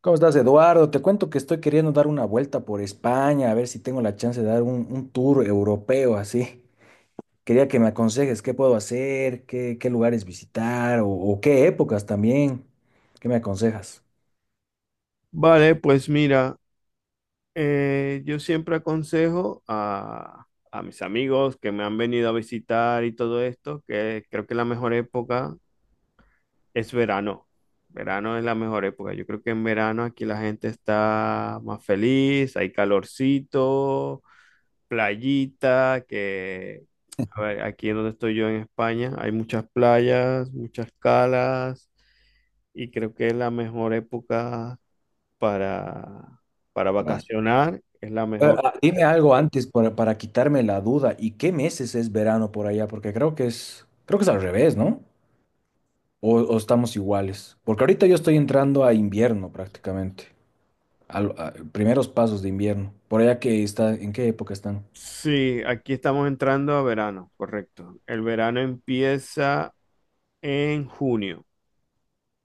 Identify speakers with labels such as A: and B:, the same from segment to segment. A: ¿Cómo estás, Eduardo? Te cuento que estoy queriendo dar una vuelta por España, a ver si tengo la chance de dar un tour europeo así. Quería que me aconsejes qué puedo hacer, qué lugares visitar o qué épocas también. ¿Qué me aconsejas?
B: Vale, pues mira, yo siempre aconsejo a mis amigos que me han venido a visitar y todo esto, que creo que la mejor época es verano. Verano es la mejor época. Yo creo que en verano aquí la gente está más feliz, hay calorcito, playita, que a ver, aquí en donde estoy yo en España hay muchas playas, muchas calas y creo que es la mejor época para, para
A: Ahora,
B: vacacionar, es la mejor. Sí,
A: Dime algo antes para quitarme la duda. ¿Y qué meses es verano por allá? Porque creo que es al revés, ¿no? O estamos iguales. Porque ahorita yo estoy entrando a invierno prácticamente. Primeros pasos de invierno. ¿Por allá que está, en qué época están?
B: sí, aquí estamos entrando a verano, correcto. El verano empieza en junio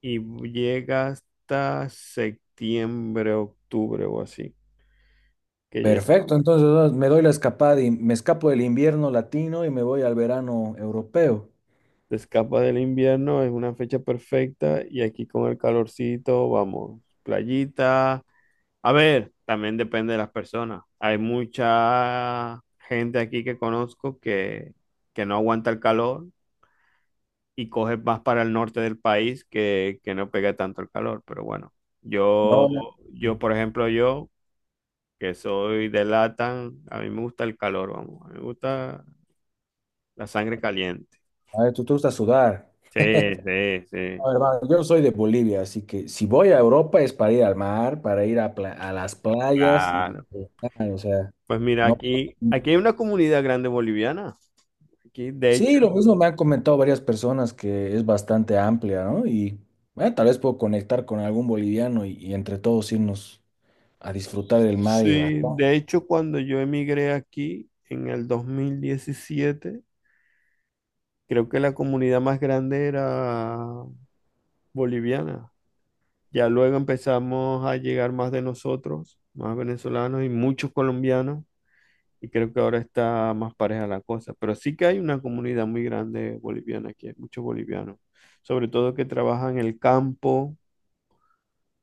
B: y llega hasta septiembre, octubre o así, que ya
A: Perfecto, entonces ah, me doy la escapada y me escapo del invierno latino y me voy al verano europeo.
B: te escapa del invierno, es una fecha perfecta y aquí con el calorcito, vamos, playita. A ver, también depende de las personas. Hay mucha gente aquí que conozco que, no aguanta el calor y coges más para el norte del país que no pega tanto el calor. Pero bueno,
A: No,
B: yo,
A: no.
B: por ejemplo, yo que soy de Latam, a mí me gusta el calor, vamos, a mí me gusta la sangre caliente.
A: A ver, tú te gusta sudar.
B: Sí, sí, sí,
A: A ver, va, yo soy de Bolivia, así que si voy a Europa es para ir al mar, para ir a, a las playas y
B: claro.
A: disfrutar, o sea,
B: Pues mira,
A: no.
B: aquí hay una comunidad grande boliviana. Aquí, de hecho,
A: Sí, lo mismo me han comentado varias personas que es bastante amplia, ¿no? Y bueno, tal vez puedo conectar con algún boliviano y entre todos irnos a disfrutar del mar y la
B: sí,
A: playa.
B: de hecho, cuando yo emigré aquí en el 2017, creo que la comunidad más grande era boliviana. Ya luego empezamos a llegar más de nosotros, más venezolanos y muchos colombianos, y creo que ahora está más pareja la cosa. Pero sí que hay una comunidad muy grande boliviana aquí, hay muchos bolivianos, sobre todo que trabajan en el campo,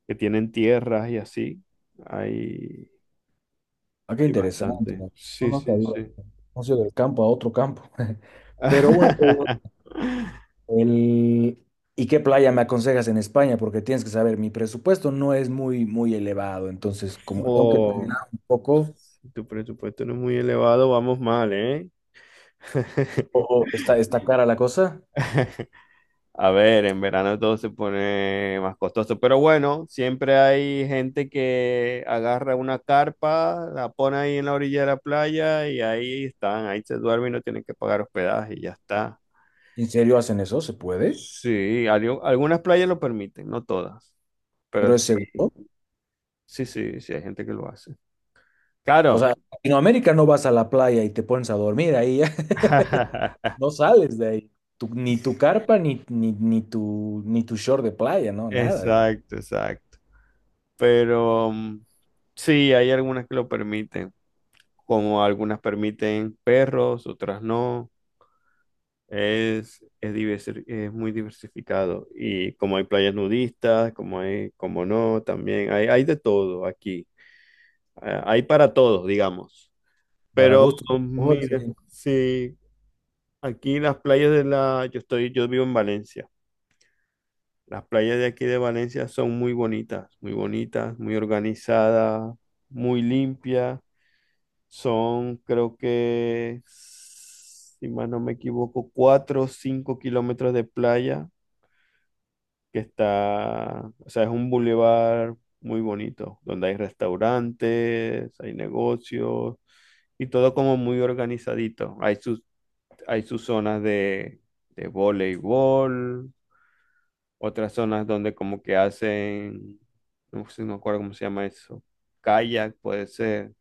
B: que tienen tierras y así. Hay,
A: Ah, qué
B: hay
A: interesante.
B: bastante.
A: No,
B: Sí,
A: no
B: sí,
A: sabía.
B: sí.
A: No sé, del campo a otro campo. Pero una pregunta, el... ¿y qué playa me aconsejas en España? Porque tienes que saber, mi presupuesto no es muy elevado, entonces como tengo que terminar
B: Oh,
A: un poco,
B: si tu presupuesto no es muy elevado, vamos mal, ¿eh?
A: o está, está cara la cosa.
B: A ver, en verano todo se pone más costoso, pero bueno, siempre hay gente que agarra una carpa, la pone ahí en la orilla de la playa y ahí están, ahí se duermen y no tienen que pagar hospedaje y ya está.
A: ¿En serio hacen eso? ¿Se puede?
B: Sí, algunas playas lo permiten, no todas, pero
A: ¿Pero es
B: sí,
A: seguro?
B: sí, sí, sí, hay gente que lo hace.
A: O
B: Claro.
A: sea, en Latinoamérica no vas a la playa y te pones a dormir ahí, no sales de ahí. Ni tu carpa, ni tu short de playa, no, nada.
B: Exacto, exacto. Pero sí, hay algunas que lo permiten, como algunas permiten perros, otras no. Es muy diversificado. Y como hay playas nudistas, como hay, como no, también hay de todo aquí. Ah, hay para todos, digamos.
A: Para
B: Pero
A: gusto.
B: mira, sí, aquí las playas de la, yo estoy, yo vivo en Valencia. Las playas de aquí de Valencia son muy bonitas, muy bonitas, muy organizadas, muy limpias. Son, creo que, si más no me equivoco, 4 o 5 kilómetros de playa que está, o sea, es un bulevar muy bonito, donde hay restaurantes, hay negocios y todo como muy organizadito. Hay sus zonas de, voleibol, otras zonas donde como que hacen, no sé, no me acuerdo cómo se llama eso, kayak puede ser.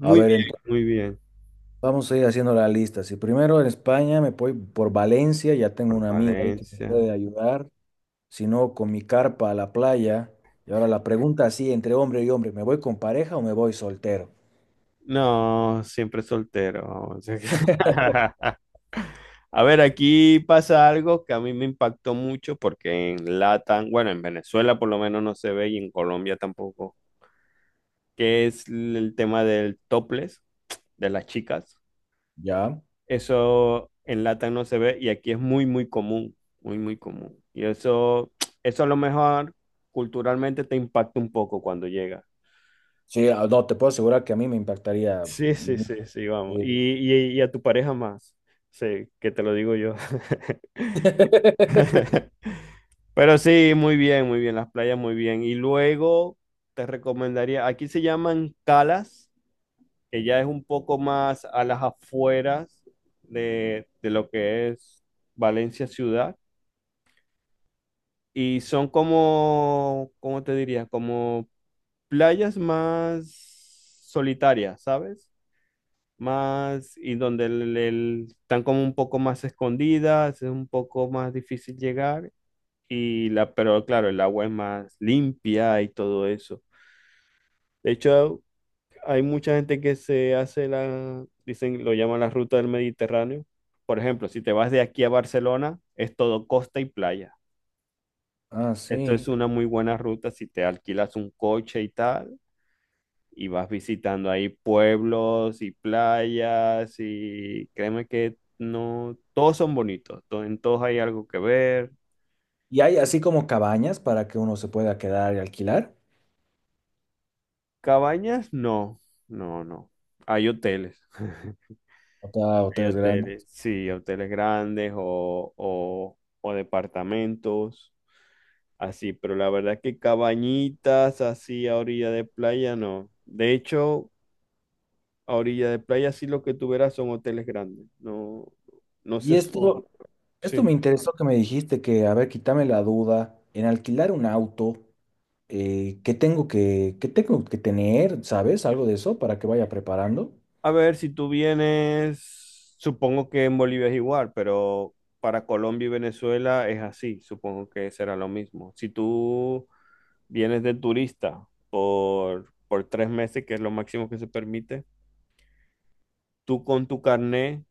A: A ver,
B: bien,
A: entonces
B: muy bien.
A: vamos a ir haciendo la lista. Si primero en España me voy por Valencia, ya tengo
B: Por
A: un amigo ahí que me
B: Valencia.
A: puede ayudar. Si no, con mi carpa a la playa. Y ahora la pregunta así, entre hombre y hombre, ¿me voy con pareja o me voy soltero?
B: No, siempre soltero, vamos. A ver, aquí pasa algo que a mí me impactó mucho porque en Latam, bueno, en Venezuela por lo menos no se ve y en Colombia tampoco, que es el tema del topless de las chicas.
A: ¿Ya?
B: Eso en Latam no se ve y aquí es muy, muy común, muy, muy común. Y eso a lo mejor culturalmente te impacta un poco cuando llega.
A: Sí, ah, no, te puedo asegurar que a mí me impactaría
B: Sí, sí,
A: mucho.
B: sí, sí, vamos.
A: Sí.
B: Y a tu pareja más, sí, que te lo digo yo. Pero sí, muy bien, las playas muy bien. Y luego te recomendaría, aquí se llaman calas, que ya es un poco más a las afueras de lo que es Valencia ciudad. Y son como, ¿cómo te diría? Como playas más solitarias, ¿sabes? Más, y donde están como un poco más escondidas, es un poco más difícil llegar. Pero claro, el agua es más limpia y todo eso. De hecho, hay mucha gente que se hace la, dicen, lo llaman la ruta del Mediterráneo. Por ejemplo, si te vas de aquí a Barcelona, es todo costa y playa.
A: Ah,
B: Esto es
A: sí.
B: una muy buena ruta si te alquilas un coche y tal, y vas visitando ahí pueblos y playas, y créeme que no, todos son bonitos, en todos hay algo que ver.
A: ¿Y hay así como cabañas para que uno se pueda quedar y alquilar?
B: Cabañas, no, no, no. Hay hoteles.
A: O sea,
B: Hay
A: hoteles
B: hoteles,
A: grandes.
B: sí, hoteles grandes o departamentos, así, pero la verdad que cabañitas así a orilla de playa no. De hecho, a orilla de playa sí lo que tú verás son hoteles grandes, no, no
A: Y
B: se sube.
A: esto me interesó que me dijiste que, a ver, quítame la duda, en alquilar un auto, qué tengo que tener? ¿Sabes? Algo de eso para que vaya preparando.
B: A ver, si tú vienes, supongo que en Bolivia es igual, pero para Colombia y Venezuela es así, supongo que será lo mismo. Si tú vienes de turista por 3 meses, que es lo máximo que se permite, tú con tu carné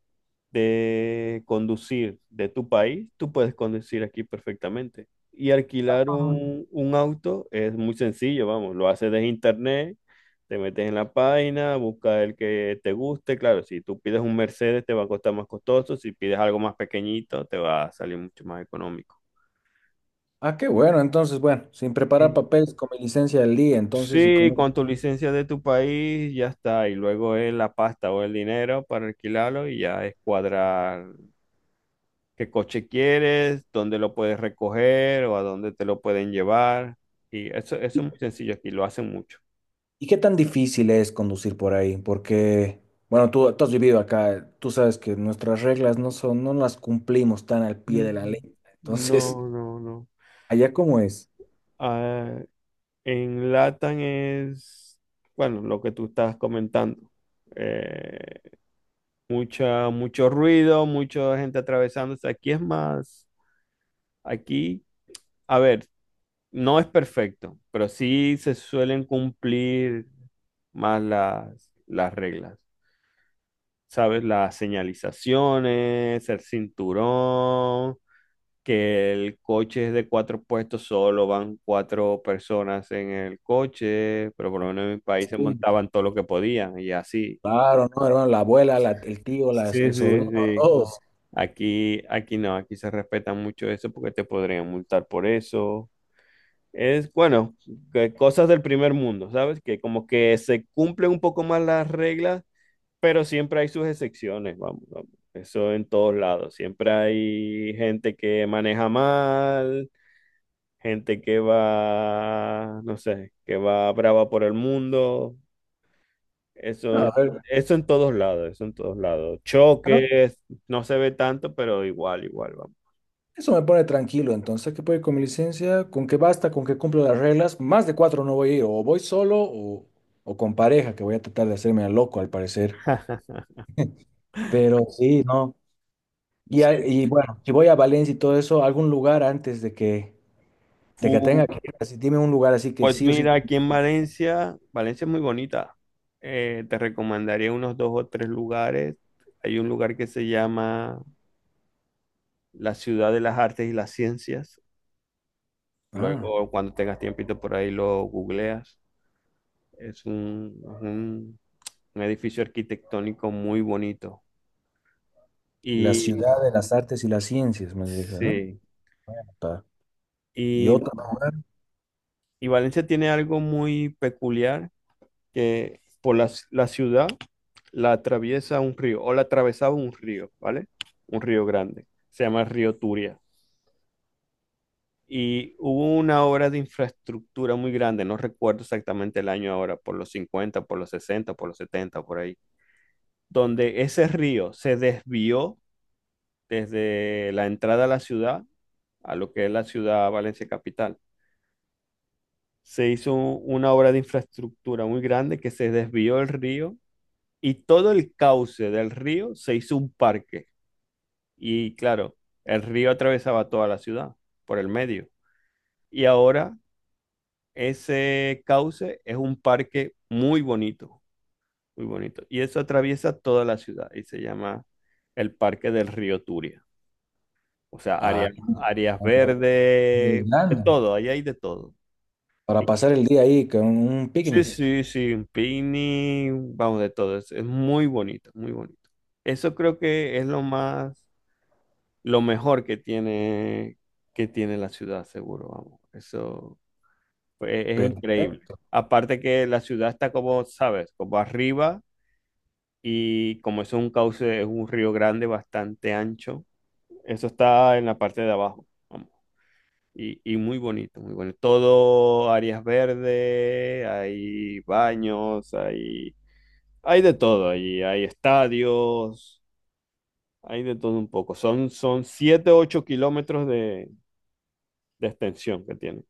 B: de conducir de tu país, tú puedes conducir aquí perfectamente. Y alquilar un auto es muy sencillo, vamos, lo haces desde internet, te metes en la página, buscas el que te guste. Claro, si tú pides un Mercedes te va a costar más costoso, si pides algo más pequeñito te va a salir mucho más económico.
A: Ah, qué bueno, entonces, bueno, sin preparar
B: Eh,
A: papeles, con mi licencia del día, entonces, ¿y
B: Sí,
A: cómo?
B: con tu licencia de tu país ya está, y luego es la pasta o el dinero para alquilarlo y ya es cuadrar qué coche quieres, dónde lo puedes recoger o a dónde te lo pueden llevar. Y eso
A: ¿Y,
B: es muy sencillo aquí, lo hacen mucho.
A: ¿Y qué tan difícil es conducir por ahí? Porque, bueno, tú has vivido acá, tú sabes que nuestras reglas no son, no las cumplimos tan al pie de la ley.
B: Mm,
A: Entonces,
B: no, no, no.
A: ¿allá cómo es?
B: Ah, en Latam es, bueno, lo que tú estás comentando. Eh, mucho ruido, mucha gente atravesándose. Aquí es más, aquí, a ver, no es perfecto, pero sí se suelen cumplir más las reglas. ¿Sabes? Las señalizaciones, el cinturón, que el coche es de cuatro puestos, solo van cuatro personas en el coche, pero por lo menos en mi país se
A: Sí,
B: montaban todo lo que podían y así.
A: claro, ¿no, hermano? La abuela, el tío, las,
B: Sí,
A: el
B: sí,
A: sobrino,
B: sí.
A: todos.
B: Aquí no, aquí se respeta mucho eso porque te podrían multar por eso. Es, bueno, que cosas del primer mundo, ¿sabes? Que como que se cumplen un poco más las reglas. Pero siempre hay sus excepciones, vamos, vamos. Eso en todos lados. Siempre hay gente que maneja mal, gente que va, no sé, que va brava por el mundo.
A: No,
B: Eso
A: a
B: en,
A: ver,
B: eso en todos lados, eso en todos lados.
A: bueno,
B: Choques, no se ve tanto, pero igual, igual, vamos.
A: eso me pone tranquilo. Entonces, ¿qué puedo ir con mi licencia? ¿Con qué basta? ¿Con que cumplo las reglas? Más de cuatro no voy a ir. O voy solo o con pareja, que voy a tratar de hacerme al loco al parecer. Pero sí, no. Y,
B: Sí,
A: y
B: sí.
A: bueno, si voy a Valencia y todo eso, algún lugar antes de que tenga
B: Fu-
A: que ir. Así, dime un lugar así que
B: Pues
A: sí o sí.
B: mira, aquí en Valencia, Valencia es muy bonita. Te recomendaría unos dos o tres lugares. Hay un lugar que se llama La ciudad de las artes y las ciencias.
A: Ah,
B: Luego, cuando tengas tiempito por ahí, lo googleas. Es un, es un, un edificio arquitectónico muy bonito.
A: la
B: Y
A: ciudad de las artes y las ciencias, me dije, ¿no?
B: sí,
A: Pa- y
B: y,
A: otra.
B: y Valencia tiene algo muy peculiar que por la, la ciudad la atraviesa un río, o la atravesaba un río, ¿vale? Un río grande. Se llama el río Turia. Y hubo una obra de infraestructura muy grande, no recuerdo exactamente el año ahora, por los 50 por los 60 por los 70 por ahí, donde ese río se desvió desde la entrada a la ciudad, a lo que es la ciudad Valencia Capital. Se hizo una obra de infraestructura muy grande que se desvió el río y todo el cauce del río se hizo un parque. Y claro, el río atravesaba toda la ciudad por el medio. Y ahora ese cauce es un parque muy bonito, muy bonito. Y eso atraviesa toda la ciudad y se llama el Parque del Río Turia. O sea,
A: Ah,
B: áreas,
A: qué
B: áreas
A: interesante, otra,
B: verdes, de
A: Irlanda,
B: todo, ahí hay de todo.
A: para
B: Y-
A: pasar el día ahí con un
B: Sí,
A: picnic.
B: sí, sí, un picnic, vamos, de todo. Es muy bonito, muy bonito. Eso creo que es lo más, lo mejor que tiene la ciudad, seguro, vamos. Eso. Es increíble.
A: Perfecto.
B: Aparte que la ciudad está como, ¿sabes? Como arriba y como es un cauce, es un río grande bastante ancho. Eso está en la parte de abajo, vamos. Y muy bonito, muy bonito. Todo áreas verdes, hay baños, hay de todo allí. Hay estadios, hay de todo un poco. Son, son 7 8 kilómetros de extensión que tiene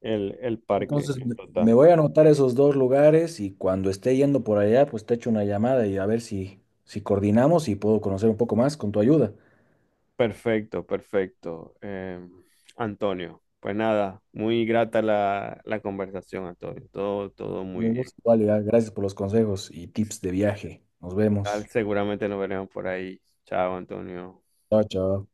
B: el parque
A: Entonces
B: en
A: me
B: total.
A: voy a anotar esos dos lugares y cuando esté yendo por allá, pues te echo una llamada y a ver si coordinamos y puedo conocer un poco más con tu ayuda.
B: Perfecto, perfecto. Antonio, pues nada, muy grata la conversación, Antonio. Todo, todo
A: Nos
B: muy bien.
A: vemos igual, ya. Gracias por los consejos y tips de viaje. Nos
B: Tal,
A: vemos.
B: seguramente nos veremos por ahí. Chao, Antonio.
A: Chao, chao.